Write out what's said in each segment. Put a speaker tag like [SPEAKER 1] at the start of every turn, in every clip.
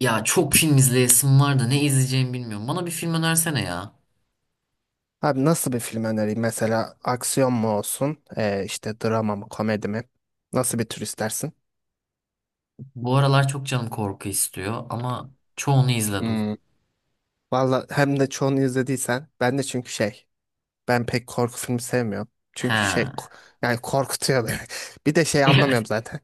[SPEAKER 1] Ya çok film izleyesim var da ne izleyeceğimi bilmiyorum. Bana bir film önersene ya.
[SPEAKER 2] Abi nasıl bir film önereyim? Mesela aksiyon mu olsun? İşte drama mı, komedi mi? Nasıl bir tür istersin?
[SPEAKER 1] Bu aralar çok canım korku istiyor ama çoğunu izledim.
[SPEAKER 2] Hmm. Valla hem de çoğunu izlediysen ben de çünkü ben pek korku filmi sevmiyorum. Çünkü şey
[SPEAKER 1] He.
[SPEAKER 2] ko- yani korkutuyor beni. Bir de anlamıyorum zaten.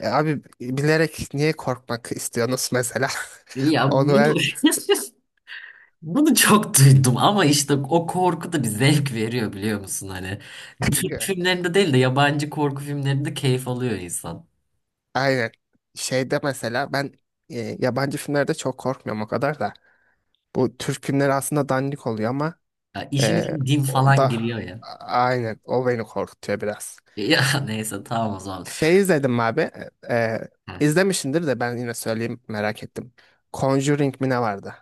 [SPEAKER 2] Abi bilerek niye korkmak istiyorsunuz mesela?
[SPEAKER 1] Ya
[SPEAKER 2] Onu
[SPEAKER 1] bunu
[SPEAKER 2] ben
[SPEAKER 1] bunu çok duydum ama işte o korku da bir zevk veriyor biliyor musun hani. Türk filmlerinde değil de yabancı korku filmlerinde keyif alıyor insan.
[SPEAKER 2] aynen. Şeyde mesela ben e, Yabancı filmlerde çok korkmuyorum o kadar da. Bu Türk filmleri aslında dandik oluyor ama
[SPEAKER 1] Ya işin
[SPEAKER 2] Ee,
[SPEAKER 1] için din
[SPEAKER 2] o
[SPEAKER 1] falan
[SPEAKER 2] da
[SPEAKER 1] giriyor ya.
[SPEAKER 2] aynen o beni korkutuyor biraz.
[SPEAKER 1] Ya neyse tamam o zaman.
[SPEAKER 2] Şey izledim abi. E,
[SPEAKER 1] He.
[SPEAKER 2] izlemişsindir de ben yine söyleyeyim merak ettim. Conjuring mi ne vardı?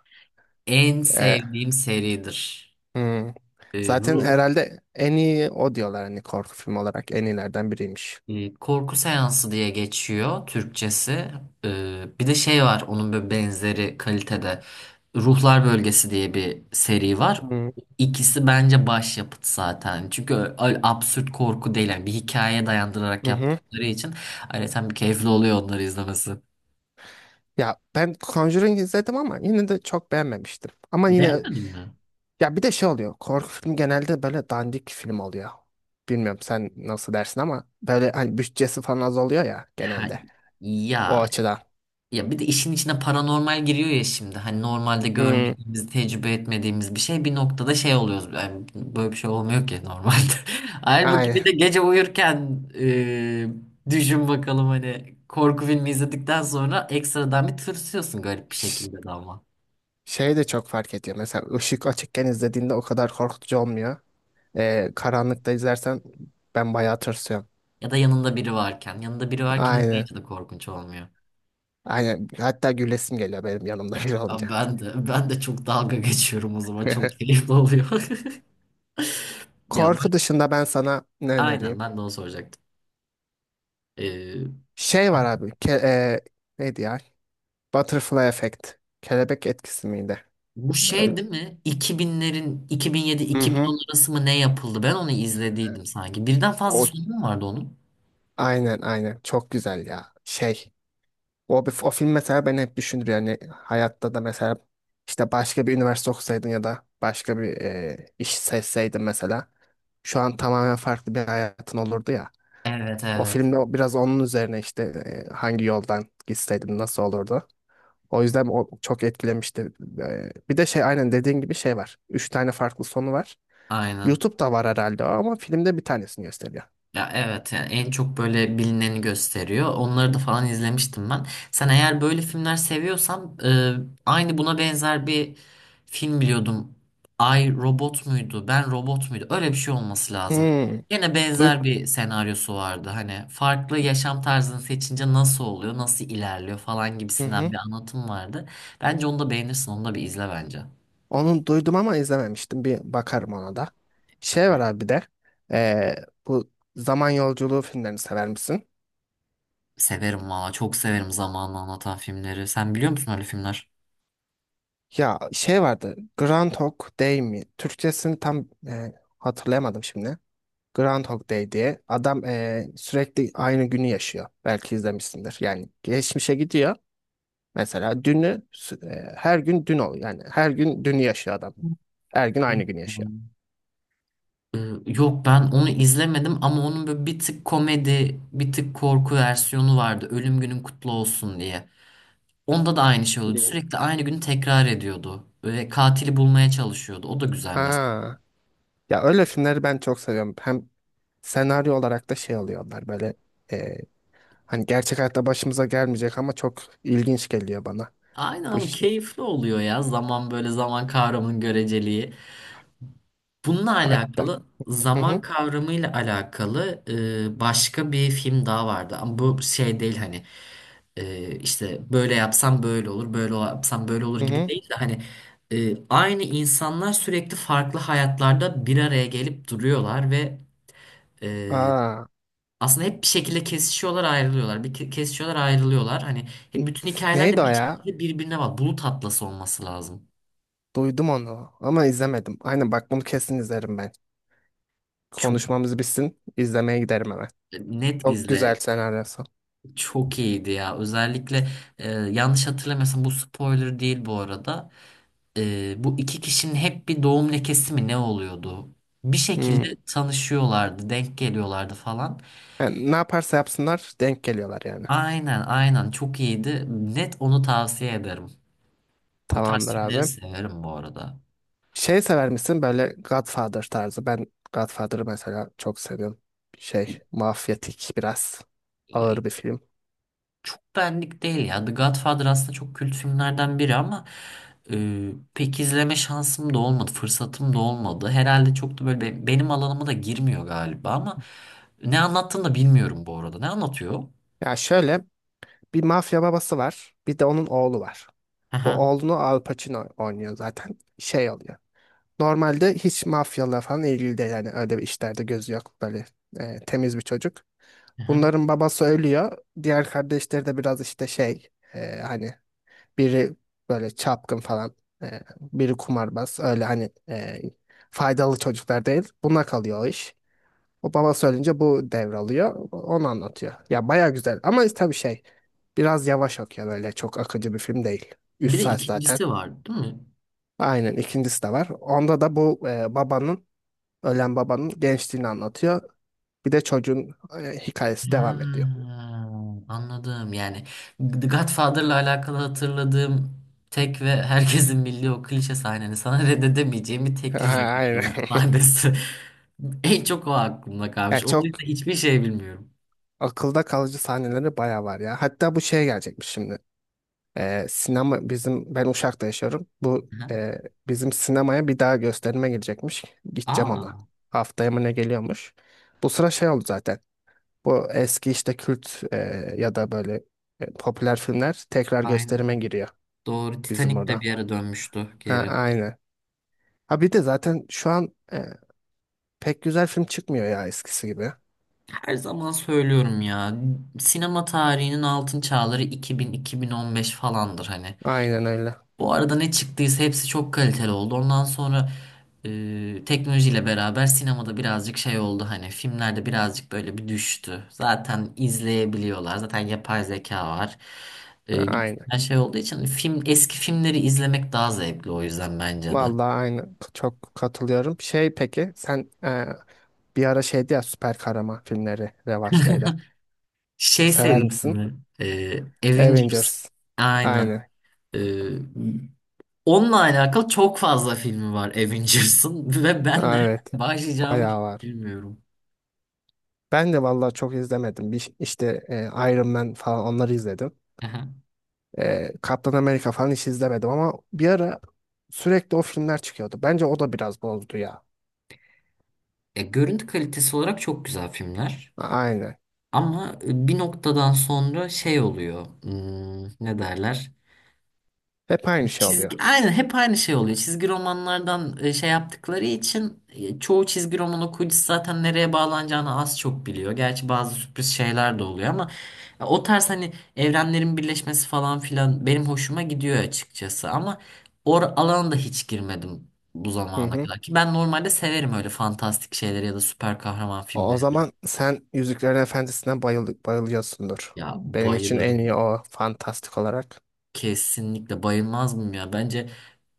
[SPEAKER 1] En
[SPEAKER 2] Ee,
[SPEAKER 1] sevdiğim seridir.
[SPEAKER 2] hmm.
[SPEAKER 1] Ee,
[SPEAKER 2] Zaten
[SPEAKER 1] Ru-
[SPEAKER 2] herhalde en iyi o diyorlar hani korku filmi olarak en iyilerden biriymiş.
[SPEAKER 1] Korku seansı diye geçiyor Türkçesi. Bir de şey var onun böyle benzeri kalitede. Ruhlar Bölgesi diye bir seri var.
[SPEAKER 2] Hı
[SPEAKER 1] İkisi bence başyapıt zaten. Çünkü öyle absürt korku değil. Yani bir hikayeye dayandırarak
[SPEAKER 2] hı hı.
[SPEAKER 1] yaptıkları için ayrıca bir keyifli oluyor onları izlemesi.
[SPEAKER 2] Ya ben Conjuring izledim ama yine de çok beğenmemiştim. Ama yine
[SPEAKER 1] Beğenmedin mi?
[SPEAKER 2] ya bir de şey oluyor. Korku filmi genelde böyle dandik film oluyor. Bilmiyorum sen nasıl dersin ama böyle hani bütçesi falan az oluyor ya
[SPEAKER 1] Ha,
[SPEAKER 2] genelde. O
[SPEAKER 1] ya
[SPEAKER 2] açıdan.
[SPEAKER 1] Ya bir de işin içine paranormal giriyor ya şimdi. Hani normalde, evet,
[SPEAKER 2] Hmm,
[SPEAKER 1] görmediğimiz, tecrübe etmediğimiz bir şey bir noktada şey oluyoruz. Yani böyle bir şey olmuyor ki normalde. Halbuki
[SPEAKER 2] aynen.
[SPEAKER 1] bir de gece uyurken, düşün bakalım, hani korku filmi izledikten sonra ekstradan bir tırsıyorsun garip bir
[SPEAKER 2] Ş-
[SPEAKER 1] şekilde de ama.
[SPEAKER 2] Şey de çok fark ediyor. Mesela ışık açıkken izlediğinde o kadar korkutucu olmuyor. Karanlıkta izlersen ben bayağı tırsıyorum.
[SPEAKER 1] Ya da yanında biri varken. Yanında biri varken
[SPEAKER 2] Aynen.
[SPEAKER 1] izleyince de korkunç olmuyor.
[SPEAKER 2] Aynen. Hatta gülesim geliyor benim yanımda biri olunca.
[SPEAKER 1] Abi ben de çok dalga geçiyorum o zaman. Çok keyifli oluyor. Ya ben,
[SPEAKER 2] Korku dışında ben sana ne
[SPEAKER 1] aynen
[SPEAKER 2] önereyim?
[SPEAKER 1] ben de onu soracaktım. E,
[SPEAKER 2] Şey var abi. Ke e, neydi ya? Butterfly Effect. Kelebek etkisi miydi?
[SPEAKER 1] Bu şey
[SPEAKER 2] Öyle-
[SPEAKER 1] değil mi? 2000'lerin
[SPEAKER 2] Hı hı.
[SPEAKER 1] 2007-2010 arası mı ne yapıldı? Ben onu izlediydim sanki. Birden fazla
[SPEAKER 2] O
[SPEAKER 1] sonu mu vardı onun?
[SPEAKER 2] aynen aynen. Çok güzel ya. O, o film mesela beni hep düşündür yani hayatta da mesela işte başka bir üniversite okusaydın ya da başka bir iş seçseydin mesela şu an tamamen farklı bir hayatın olurdu ya.
[SPEAKER 1] Evet, evet.
[SPEAKER 2] Biraz onun üzerine hangi yoldan gitseydin nasıl olurdu. O yüzden o çok etkilemişti. Bir de aynen dediğin gibi şey var. Üç tane farklı sonu var.
[SPEAKER 1] Aynen.
[SPEAKER 2] YouTube'da var herhalde o ama filmde bir tanesini gösteriyor.
[SPEAKER 1] Ya evet, yani en çok böyle bilineni gösteriyor. Onları da falan izlemiştim ben. Sen eğer böyle filmler seviyorsan, aynı buna benzer bir film biliyordum. Ay robot muydu? Ben robot muydu? Öyle bir şey olması lazım.
[SPEAKER 2] Hmm.
[SPEAKER 1] Yine
[SPEAKER 2] Duy
[SPEAKER 1] benzer bir senaryosu vardı. Hani farklı yaşam tarzını seçince nasıl oluyor, nasıl ilerliyor falan
[SPEAKER 2] hı
[SPEAKER 1] gibisinden
[SPEAKER 2] hı.
[SPEAKER 1] bir anlatım vardı. Bence onu da beğenirsin, onu da bir izle bence.
[SPEAKER 2] Onu duydum ama izlememiştim. Bir bakarım ona da. Şey var abi bir de. Bu zaman yolculuğu filmlerini sever misin?
[SPEAKER 1] Severim valla, çok severim zamanla anlatan filmleri. Sen biliyor musun öyle filmler?
[SPEAKER 2] Ya şey vardı. Groundhog Day mi? Türkçesini tam hatırlayamadım şimdi. Groundhog Day diye. Adam sürekli aynı günü yaşıyor. Belki izlemişsindir. Yani geçmişe gidiyor. Mesela her gün dün oluyor. Yani her gün dünü yaşıyor adam. Her gün aynı günü
[SPEAKER 1] Hı.
[SPEAKER 2] yaşıyor.
[SPEAKER 1] Ee, Yok, ben onu izlemedim ama onun böyle bir tık komedi, bir tık korku versiyonu vardı. Ölüm günün kutlu olsun diye. Onda da aynı şey oluyordu.
[SPEAKER 2] Hmm.
[SPEAKER 1] Sürekli aynı günü tekrar ediyordu. Ve katili bulmaya çalışıyordu. O da güzel mesela.
[SPEAKER 2] Ha. Ya öyle filmleri ben çok seviyorum. Hem senaryo olarak da alıyorlar böyle eee, hani gerçek hayatta başımıza gelmeyecek ama çok ilginç geliyor bana
[SPEAKER 1] Aynen
[SPEAKER 2] bu
[SPEAKER 1] ama
[SPEAKER 2] işte.
[SPEAKER 1] keyifli oluyor ya. Zaman, böyle zaman kavramının göreceliği. Bununla
[SPEAKER 2] Hatta.
[SPEAKER 1] alakalı,
[SPEAKER 2] Hı
[SPEAKER 1] zaman
[SPEAKER 2] hı.
[SPEAKER 1] kavramıyla alakalı başka bir film daha vardı. Ama bu şey değil hani, işte böyle yapsam böyle olur, böyle yapsam böyle olur
[SPEAKER 2] Hı
[SPEAKER 1] gibi
[SPEAKER 2] hı.
[SPEAKER 1] değil de hani aynı insanlar sürekli farklı hayatlarda bir araya gelip duruyorlar ve e,
[SPEAKER 2] Aa.
[SPEAKER 1] aslında hep bir şekilde kesişiyorlar, ayrılıyorlar. Kesişiyorlar, ayrılıyorlar. Hani hep bütün hikayeler
[SPEAKER 2] Neydi
[SPEAKER 1] de
[SPEAKER 2] o
[SPEAKER 1] bir
[SPEAKER 2] ya?
[SPEAKER 1] şekilde birbirine var. Bulut Atlası olması lazım.
[SPEAKER 2] Duydum onu ama izlemedim. Aynen bak bunu kesin izlerim ben.
[SPEAKER 1] Çok
[SPEAKER 2] Konuşmamız bitsin, izlemeye giderim hemen.
[SPEAKER 1] net
[SPEAKER 2] Çok güzel
[SPEAKER 1] izle.
[SPEAKER 2] senaryosu.
[SPEAKER 1] Çok iyiydi ya. Özellikle, yanlış hatırlamıyorsam bu spoiler değil bu arada. Bu iki kişinin hep bir doğum lekesi mi ne oluyordu? Bir şekilde
[SPEAKER 2] Hmm.
[SPEAKER 1] tanışıyorlardı, denk geliyorlardı falan.
[SPEAKER 2] Yani ne yaparsa yapsınlar denk geliyorlar yani.
[SPEAKER 1] Aynen, aynen, çok iyiydi. Net onu tavsiye ederim. O tarz
[SPEAKER 2] Tamamdır
[SPEAKER 1] filmleri
[SPEAKER 2] abi.
[SPEAKER 1] severim bu arada.
[SPEAKER 2] Şey sever misin böyle Godfather tarzı? Ben Godfather'ı mesela çok seviyorum. Şey, mafyatik biraz ağır bir film.
[SPEAKER 1] Çok benlik değil ya. The Godfather aslında çok kült filmlerden biri ama e, pek izleme şansım da olmadı, fırsatım da olmadı. Herhalde çok da böyle benim alanıma da girmiyor galiba ama ne anlattığını da bilmiyorum bu arada. Ne anlatıyor?
[SPEAKER 2] Ya şöyle bir mafya babası var, bir de onun oğlu var. Bu
[SPEAKER 1] Aha,
[SPEAKER 2] oğlunu Al Pacino oynuyor zaten. Şey oluyor. Normalde hiç mafyalar falan ilgili değil yani öyle bir işlerde gözü yok böyle temiz bir çocuk.
[SPEAKER 1] aha.
[SPEAKER 2] Bunların babası ölüyor. Diğer kardeşleri de biraz e, hani biri böyle çapkın falan biri kumarbaz öyle faydalı çocuklar değil. Buna kalıyor o iş. O babası ölünce bu devralıyor. Onu anlatıyor. Ya baya güzel ama tabii biraz yavaş okuyor böyle çok akıcı bir film değil. 3
[SPEAKER 1] Bir de
[SPEAKER 2] saat zaten.
[SPEAKER 1] ikincisi var, değil mi?
[SPEAKER 2] Aynen ikincisi de var. Onda da bu e, babanın ölen babanın gençliğini anlatıyor. Bir de çocuğun hikayesi devam ediyor.
[SPEAKER 1] Ha, anladım. Yani The Godfather'la alakalı hatırladığım tek ve herkesin bildiği o klişe sahnenin, sana reddedemeyeceğim bir teklif yapıyorum
[SPEAKER 2] Aynen.
[SPEAKER 1] sahnesi. En çok o aklımda
[SPEAKER 2] Ya
[SPEAKER 1] kalmış. Onun
[SPEAKER 2] çok
[SPEAKER 1] dışında hiçbir şey bilmiyorum.
[SPEAKER 2] akılda kalıcı sahneleri bayağı var ya. Hatta bu şeye gelecekmiş şimdi. Sinema bizim Ben Uşak'ta yaşıyorum.
[SPEAKER 1] Aha.
[SPEAKER 2] Bizim sinemaya bir daha gösterime gelecekmiş. Gideceğim ona.
[SPEAKER 1] Aa,
[SPEAKER 2] Haftaya mı ne geliyormuş. Bu sıra şey oldu zaten. Bu eski işte kült e, ya da böyle e, Popüler filmler tekrar
[SPEAKER 1] aynen.
[SPEAKER 2] gösterime giriyor
[SPEAKER 1] Doğru.
[SPEAKER 2] bizim
[SPEAKER 1] Titanic de
[SPEAKER 2] burada.
[SPEAKER 1] bir ara dönmüştü
[SPEAKER 2] Ha,
[SPEAKER 1] geri.
[SPEAKER 2] aynı. Ha bir de zaten şu an e, Pek güzel film çıkmıyor ya eskisi gibi.
[SPEAKER 1] Her zaman söylüyorum ya. Sinema tarihinin altın çağları 2000-2015 falandır hani.
[SPEAKER 2] Aynen öyle.
[SPEAKER 1] Bu arada ne çıktıysa hepsi çok kaliteli oldu. Ondan sonra, teknolojiyle beraber sinemada birazcık şey oldu hani, filmlerde birazcık böyle bir düştü. Zaten izleyebiliyorlar. Zaten yapay zeka var.
[SPEAKER 2] Ha, aynen.
[SPEAKER 1] Gibisinden şey olduğu için film, eski filmleri izlemek daha zevkli o yüzden bence de.
[SPEAKER 2] Vallahi aynen. Çok katılıyorum. Peki sen bir ara şeydi ya süper kahraman filmleri revaçtaydı.
[SPEAKER 1] Şey
[SPEAKER 2] Sever
[SPEAKER 1] serisi
[SPEAKER 2] misin?
[SPEAKER 1] mi? Avengers.
[SPEAKER 2] Avengers.
[SPEAKER 1] Aynen.
[SPEAKER 2] Aynen.
[SPEAKER 1] E, Onunla alakalı çok fazla filmi var Avengers'ın ve ben
[SPEAKER 2] Ha,
[SPEAKER 1] nereden
[SPEAKER 2] evet.
[SPEAKER 1] başlayacağımı hiç
[SPEAKER 2] Bayağı var.
[SPEAKER 1] bilmiyorum.
[SPEAKER 2] Ben de vallahi çok izlemedim. Iron Man falan onları izledim. Kaptan Amerika falan hiç izlemedim ama bir ara sürekli o filmler çıkıyordu. Bence o da biraz bozdu ya.
[SPEAKER 1] Görüntü kalitesi olarak çok güzel filmler.
[SPEAKER 2] Aynen.
[SPEAKER 1] Ama bir noktadan sonra şey oluyor. Ne derler?
[SPEAKER 2] Hep aynı şey oluyor.
[SPEAKER 1] Aynen hep aynı şey oluyor. Çizgi romanlardan şey yaptıkları için, çoğu çizgi roman okuyucusu zaten nereye bağlanacağını az çok biliyor. Gerçi bazı sürpriz şeyler de oluyor ama o tarz hani evrenlerin birleşmesi falan filan benim hoşuma gidiyor açıkçası. Ama o alana da hiç girmedim bu
[SPEAKER 2] Hı
[SPEAKER 1] zamana
[SPEAKER 2] hı.
[SPEAKER 1] kadar ki ben normalde severim öyle fantastik şeyleri ya da süper kahraman
[SPEAKER 2] O o
[SPEAKER 1] filmleri.
[SPEAKER 2] zaman sen Yüzüklerin Efendisi'ne bayılıyorsundur.
[SPEAKER 1] Ya
[SPEAKER 2] Benim için en
[SPEAKER 1] bayılırım.
[SPEAKER 2] iyi o fantastik olarak.
[SPEAKER 1] Kesinlikle bayılmaz mıyım ya? Bence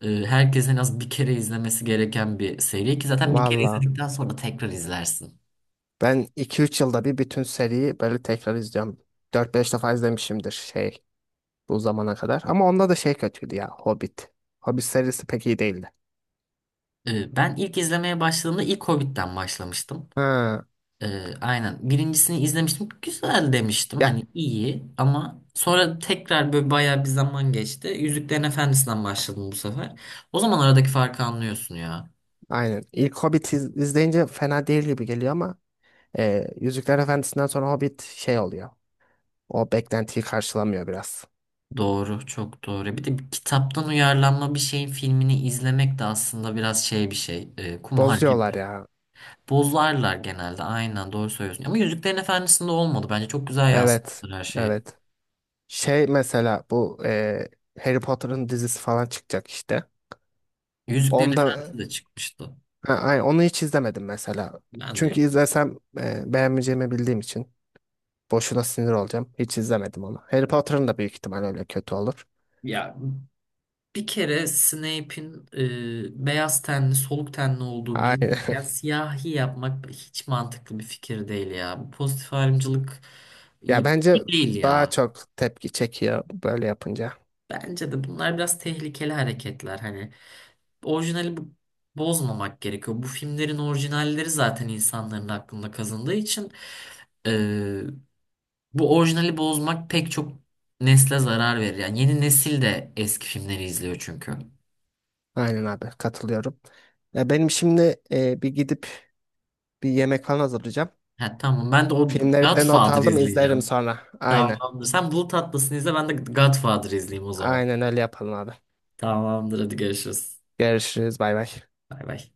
[SPEAKER 1] herkesin en az bir kere izlemesi gereken bir seri ki zaten bir kere
[SPEAKER 2] Valla
[SPEAKER 1] izledikten sonra tekrar izlersin.
[SPEAKER 2] ben iki üç yılda bir bütün seriyi böyle tekrar izliyorum. Dört beş defa izlemişimdir bu zamana kadar. Ama onda da şey kötüydü ya Hobbit. Hobbit serisi pek iyi değildi.
[SPEAKER 1] Ben ilk izlemeye başladığımda ilk Hobbit'ten başlamıştım.
[SPEAKER 2] Ha,
[SPEAKER 1] Aynen. Birincisini izlemiştim. Güzel demiştim.
[SPEAKER 2] ya
[SPEAKER 1] Hani iyi, ama sonra tekrar böyle bayağı bir zaman geçti. Yüzüklerin Efendisi'nden başladım bu sefer. O zaman aradaki farkı anlıyorsun ya.
[SPEAKER 2] aynen. İzleyince fena değil gibi geliyor ama Yüzükler Efendisi'nden sonra Hobbit şey oluyor. O beklentiyi karşılamıyor biraz.
[SPEAKER 1] Doğru, çok doğru. Bir de bir kitaptan uyarlanma bir şeyin filmini izlemek de aslında biraz şey bir şey. Kumar gibi.
[SPEAKER 2] Bozuyorlar ya.
[SPEAKER 1] Bozlarlar genelde. Aynen, doğru söylüyorsun. Ama Yüzüklerin Efendisi'nde olmadı. Bence çok güzel
[SPEAKER 2] Evet.
[SPEAKER 1] yansıtmışlar her şeyi.
[SPEAKER 2] Evet. Şey mesela bu e, Harry Potter'ın dizisi falan çıkacak işte.
[SPEAKER 1] Yüzüklerin
[SPEAKER 2] Onda
[SPEAKER 1] Efendisi de çıkmıştı.
[SPEAKER 2] Onu hiç izlemedim mesela.
[SPEAKER 1] Ben
[SPEAKER 2] Çünkü
[SPEAKER 1] de,
[SPEAKER 2] izlesem beğenmeyeceğimi bildiğim için. Boşuna sinir olacağım. Hiç izlemedim onu. Harry Potter'ın da büyük ihtimal öyle kötü olur.
[SPEAKER 1] ya bir kere Snape'in beyaz tenli, soluk tenli olduğu
[SPEAKER 2] Aynen.
[SPEAKER 1] bilinirken siyahi yapmak hiç mantıklı bir fikir değil ya. Bu pozitif ayrımcılık
[SPEAKER 2] Ya
[SPEAKER 1] iyi,
[SPEAKER 2] bence
[SPEAKER 1] iyi değil
[SPEAKER 2] daha
[SPEAKER 1] ya.
[SPEAKER 2] çok tepki çekiyor böyle yapınca.
[SPEAKER 1] Bence de bunlar biraz tehlikeli hareketler hani. Orijinali bozmamak gerekiyor. Bu filmlerin orijinalleri zaten insanların aklında kazındığı için e, bu orijinali bozmak pek çok nesle zarar verir. Yani yeni nesil de eski filmleri izliyor çünkü.
[SPEAKER 2] Aynen abi katılıyorum. Ya benim şimdi bir yemek falan hazırlayacağım.
[SPEAKER 1] Ha, tamam, ben de o
[SPEAKER 2] Filmleri de not
[SPEAKER 1] Godfather
[SPEAKER 2] aldım izlerim
[SPEAKER 1] izleyeceğim.
[SPEAKER 2] sonra. Aynen.
[SPEAKER 1] Tamamdır. Sen Bulut Atlas'ını izle, ben de Godfather izleyeyim o zaman.
[SPEAKER 2] Aynen öyle yapalım abi.
[SPEAKER 1] Tamamdır, hadi görüşürüz.
[SPEAKER 2] Görüşürüz bay bay.
[SPEAKER 1] Bay bay.